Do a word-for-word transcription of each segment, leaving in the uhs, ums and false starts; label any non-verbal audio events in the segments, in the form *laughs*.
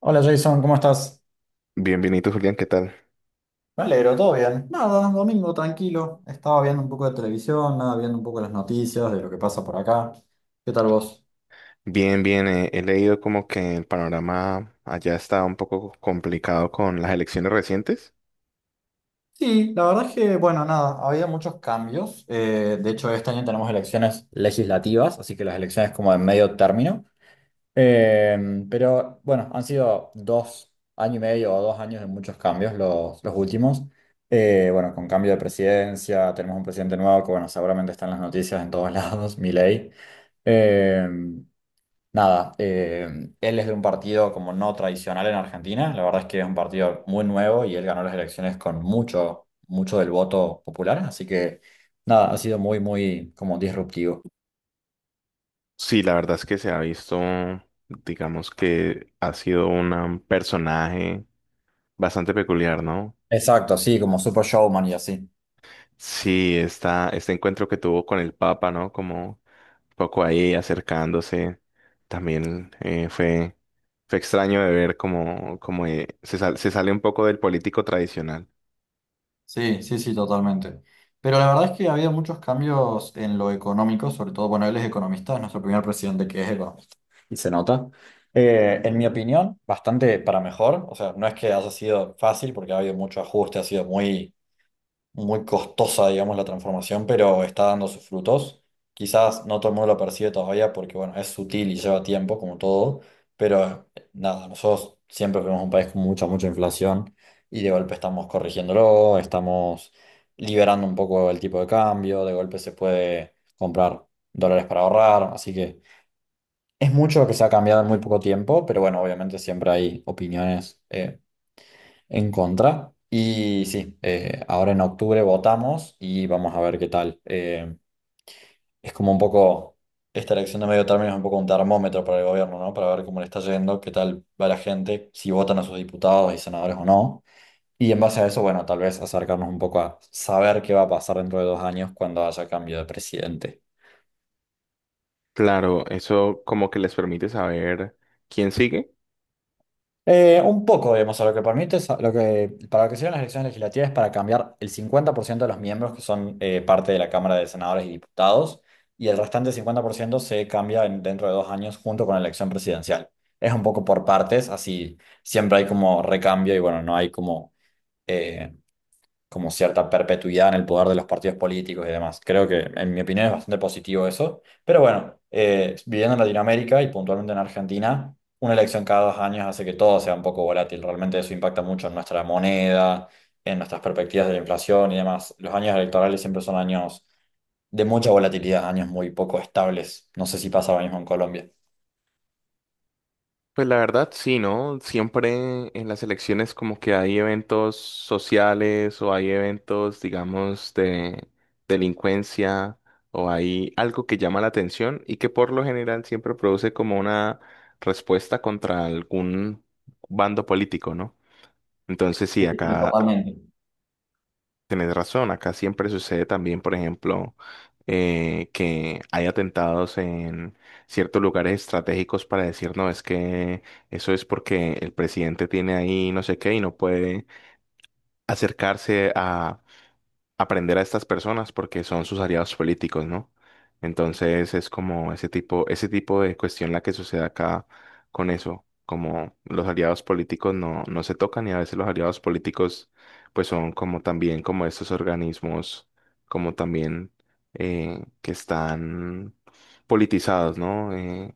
Hola Jason, ¿cómo estás? Bien, bien, Julián, ¿qué tal? Me alegro, todo bien. Nada, domingo tranquilo. Estaba viendo un poco de televisión, nada, viendo un poco las noticias de lo que pasa por acá. ¿Qué tal vos? Bien, bien, eh, he leído como que el panorama allá está un poco complicado con las elecciones recientes. Sí, la verdad es que, bueno, nada, había muchos cambios. Eh, de hecho, este año tenemos elecciones legislativas, así que las elecciones como de medio término. Eh, pero bueno, han sido dos años y medio o dos años de muchos cambios los, los últimos. Eh, bueno, con cambio de presidencia, tenemos un presidente nuevo que, bueno, seguramente están las noticias en todos lados, *laughs* Milei. Eh, Nada, eh, él es de un partido como no tradicional en Argentina. La verdad es que es un partido muy nuevo y él ganó las elecciones con mucho, mucho del voto popular. Así que nada, ha sido muy, muy como disruptivo. Sí, la verdad es que se ha visto, digamos que ha sido una- un personaje bastante peculiar, ¿no? Exacto, sí, como super showman y así. Sí, esta, este encuentro que tuvo con el Papa, ¿no? Como un poco ahí acercándose, también eh, fue, fue extraño de ver como, como eh, se sal- se sale un poco del político tradicional. Sí, sí, sí, totalmente. Pero la verdad es que ha habido muchos cambios en lo económico, sobre todo, bueno, él es economista, es nuestro primer presidente que es economista. Y se nota. Eh, en mi opinión, bastante para mejor. O sea, no es que haya sido fácil porque ha habido mucho ajuste, ha sido muy muy costosa, digamos, la transformación, pero está dando sus frutos. Quizás no todo el mundo lo percibe todavía porque, bueno, es sutil y lleva tiempo, como todo, pero eh, nada, nosotros siempre fuimos un país con mucha, mucha inflación y de golpe estamos corrigiéndolo, estamos liberando un poco el tipo de cambio, de golpe se puede comprar dólares para ahorrar, así que es mucho lo que se ha cambiado en muy poco tiempo, pero bueno, obviamente siempre hay opiniones. eh, en contra. Y sí, eh, ahora en octubre votamos y vamos a ver qué tal. Eh, es como un poco, esta elección de medio término es un poco un termómetro para el gobierno, ¿no? Para ver cómo le está yendo, qué tal va la gente, si votan a sus diputados y senadores o no. Y en base a eso, bueno, tal vez acercarnos un poco a saber qué va a pasar dentro de dos años cuando haya cambio de presidente. Claro, eso como que les permite saber quién sigue. Eh, un poco, digamos, a lo que permite, es a- lo que, para lo que sirven las elecciones legislativas es para cambiar el cincuenta por ciento de los miembros que son eh, parte de la Cámara de Senadores y Diputados, y el restante cincuenta por ciento se cambia en- dentro de dos años junto con la elección presidencial. Es un poco por partes, así siempre hay como recambio y bueno, no hay como eh, como cierta perpetuidad en el poder de los partidos políticos y demás. Creo que, en mi opinión, es bastante positivo eso. Pero bueno, eh, viviendo en Latinoamérica y puntualmente en Argentina, una elección cada dos años hace que todo sea un poco volátil. Realmente eso impacta mucho en nuestra moneda, en nuestras perspectivas de la inflación y demás. Los años electorales siempre son años de mucha volatilidad, años muy poco estables. No sé si pasa lo mismo en Colombia. Pues la verdad, sí, ¿no? Siempre en las elecciones como que hay eventos sociales o hay eventos, digamos, de delincuencia, o hay algo que llama la atención y que por lo general siempre produce como una respuesta contra algún bando político, ¿no? Entonces sí, Sí, sí, acá, totalmente. tienes razón, acá siempre sucede también, por ejemplo, eh, que hay atentados en ciertos lugares estratégicos para decir, no, es que eso es porque el presidente tiene ahí no sé qué y no puede acercarse a aprender a estas personas porque son sus aliados políticos, ¿no? Entonces es como ese tipo, ese tipo de cuestión la que sucede acá con eso, como los aliados políticos no, no se tocan, y a veces los aliados políticos pues son como también como estos organismos, como también eh, que están politizados, ¿no? Eh,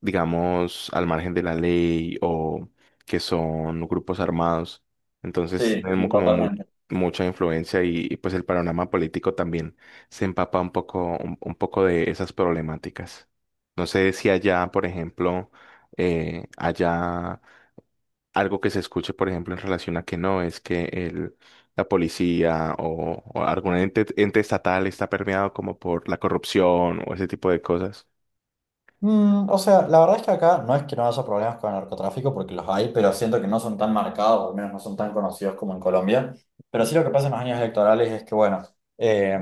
Digamos, al margen de la ley o que son grupos armados. Entonces Sí, tienen sí, como mu- totalmente. mucha influencia, y, y, pues el panorama político también se empapa un poco, un, un poco de esas problemáticas. No sé si allá, por ejemplo, eh, allá algo que se escuche, por ejemplo, en relación a que no, es que el, la policía o, o algún ente, ente estatal está permeado como por la corrupción o ese tipo de cosas. Mm, o sea, la verdad es que acá no es que no haya problemas con el narcotráfico, porque los hay, pero siento que no son tan marcados, o al menos no son tan conocidos como en Colombia. Pero sí lo que pasa en los años electorales es que, bueno, eh,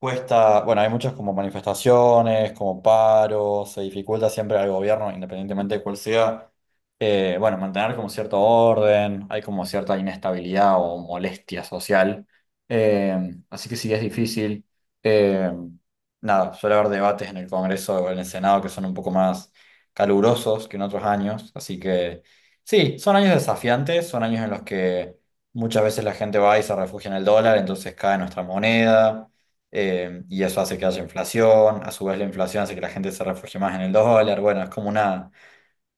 cuesta, bueno, hay muchas como manifestaciones, como paros, se dificulta siempre al gobierno, independientemente de cuál sea, eh, bueno, mantener como cierto orden, hay como cierta inestabilidad o molestia social. Eh, así que sí es difícil. Eh, Nada, suele haber debates en el Congreso o en el Senado que son un poco más calurosos que en otros años, así que sí, son años desafiantes, son años en los que muchas veces la gente va y se refugia en el dólar, entonces cae nuestra moneda eh, y eso hace que haya inflación, a su vez la inflación hace que la gente se refugie más en el dólar, bueno, es como una,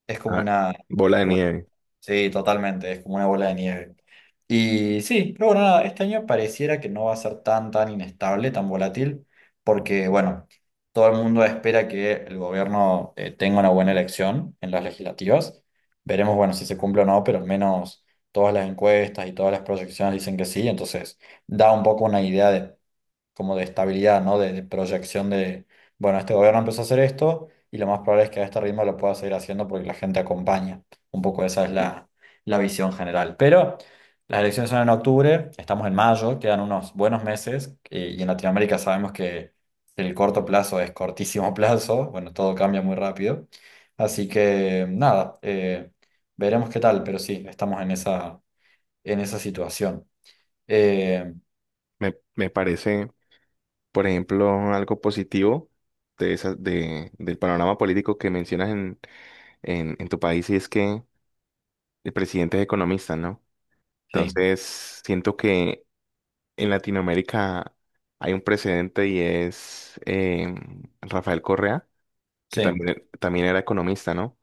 es como Ah, una bola de ruleta. nieve. Sí, totalmente, es como una bola de nieve. Y sí, pero bueno, nada, este año pareciera que no va a ser tan, tan inestable, tan volátil, porque bueno, todo el mundo espera que el gobierno eh, tenga una buena elección en las legislativas. Veremos, bueno, si se cumple o no, pero al menos todas las encuestas y todas las proyecciones dicen que sí, entonces da un poco una idea como de estabilidad, ¿no? De, de proyección de, bueno, este gobierno empezó a hacer esto y lo más probable es que a este ritmo lo pueda seguir haciendo porque la gente acompaña. Un poco esa es la, la visión general. Pero las elecciones son en octubre, estamos en mayo, quedan unos buenos meses eh, y en Latinoamérica sabemos que el corto plazo es cortísimo *laughs* plazo, bueno, todo cambia muy rápido. Así que nada, eh, veremos qué tal, pero sí, estamos en esa, en esa situación. Eh, Me, me parece, por ejemplo, algo positivo de esa- de- del panorama político que mencionas en, en, en tu país, y es que el presidente es economista, ¿no? sí, Entonces, siento que en Latinoamérica hay un precedente, y es eh, Rafael Correa, que sí, también, también era economista, ¿no?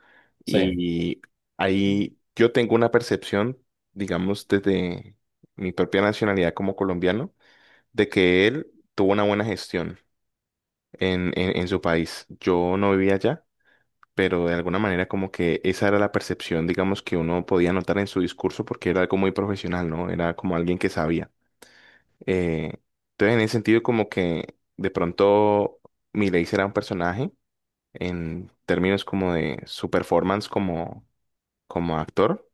sí. Y ahí yo tengo una percepción, digamos, desde mi propia nacionalidad como colombiano, de que él tuvo una buena gestión en, en, en su país. Yo no vivía allá, pero de alguna manera como que esa era la percepción, digamos, que uno podía notar en su discurso porque era algo muy profesional, ¿no? Era como alguien que sabía. Eh, entonces, en ese sentido, como que de pronto Milei será un personaje en términos como de su performance como, como actor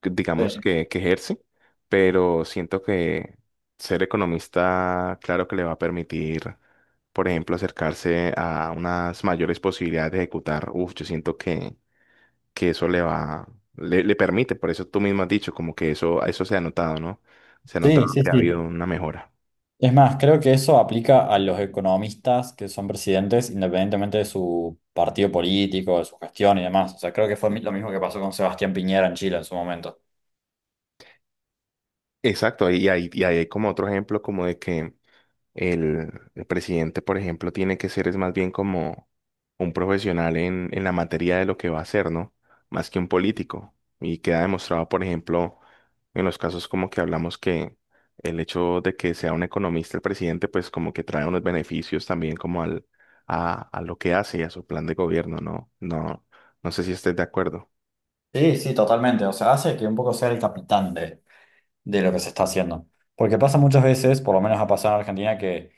que- Sí. digamos, que, que ejerce, pero siento que ser economista, claro que le va a permitir, por ejemplo, acercarse a unas mayores posibilidades de ejecutar. Uf, yo siento que, que eso le va, le, le permite, por eso tú mismo has dicho, como que eso, eso se ha notado, ¿no? Se ha notado Sí, sí, que ha habido sí. una mejora. Es más, creo que eso aplica a los economistas que son presidentes independientemente de su partido político, de su gestión y demás. O sea, creo que fue mi- lo mismo que pasó con Sebastián Piñera en Chile en su momento. Exacto, y hay, y hay como otro ejemplo como de que el, el presidente, por ejemplo, tiene que ser es más bien como un profesional en, en la materia de lo que va a hacer, ¿no? Más que un político. Y queda demostrado, por ejemplo, en los casos como que hablamos que el hecho de que sea un economista el presidente, pues como que trae unos beneficios también como al, a, a lo que hace y a su plan de gobierno, ¿no? No, no sé si estés de acuerdo. Sí, sí, totalmente. O sea, hace que un poco sea el capitán de, de lo que se está haciendo. Porque pasa muchas veces, por lo menos ha pasado en Argentina, que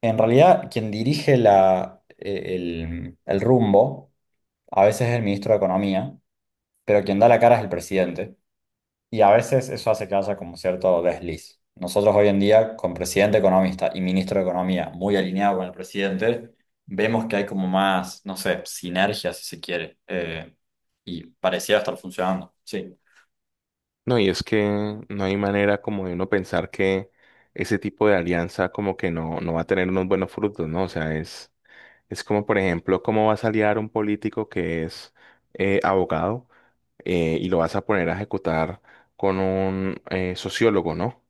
en realidad quien dirige la, eh, el, el rumbo a veces es el ministro de Economía, pero quien da la cara es el presidente. Y a veces eso hace que haya como cierto desliz. Nosotros hoy en día, con presidente economista y ministro de Economía muy alineado con el presidente, vemos que hay como más, no sé, sinergia si se quiere. eh, y pareciera estar funcionando. Sí. No, y es que no hay manera como de uno pensar que ese tipo de alianza como que no, no va a tener unos buenos frutos, ¿no? O sea, es, es como, por ejemplo, cómo vas a aliar un político que es eh, abogado, eh, y lo vas a poner a ejecutar con un eh, sociólogo, ¿no?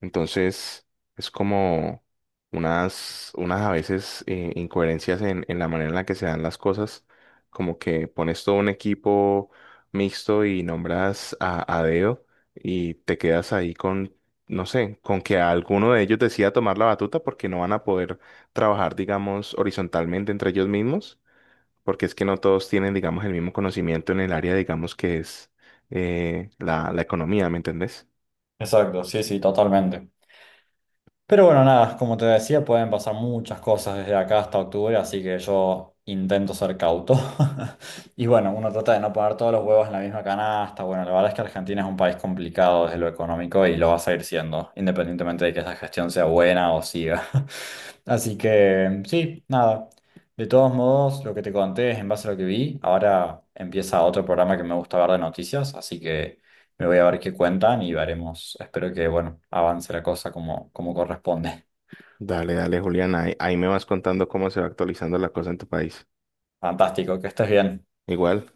Entonces, es como unas, unas a veces eh, incoherencias en, en la manera en la que se dan las cosas, como que pones todo un equipo mixto y nombras a, a dedo y te quedas ahí con, no sé, con que alguno de ellos decida tomar la batuta porque no van a poder trabajar, digamos, horizontalmente entre ellos mismos, porque es que no todos tienen, digamos, el mismo conocimiento en el área, digamos, que es eh, la, la economía, ¿me entendés? Exacto, sí, sí, totalmente. Pero bueno, nada, como te decía, pueden pasar muchas cosas desde acá hasta octubre, así que yo intento ser cauto. *laughs* Y bueno, uno trata de no poner todos los huevos en la misma canasta. Bueno, la verdad es que Argentina es un país complicado desde lo económico y lo va a seguir siendo, independientemente de que esa gestión sea buena o siga. *laughs* Así que sí, nada. De todos modos, lo que te conté es en base a lo que vi. Ahora empieza otro programa que me gusta ver de noticias, así que... Me voy a ver qué cuentan y veremos. Espero que, bueno, avance la cosa como, como corresponde. Dale, dale, Julián, ahí, ahí me vas contando cómo se va actualizando la cosa en tu país. Fantástico, que estés bien. Igual,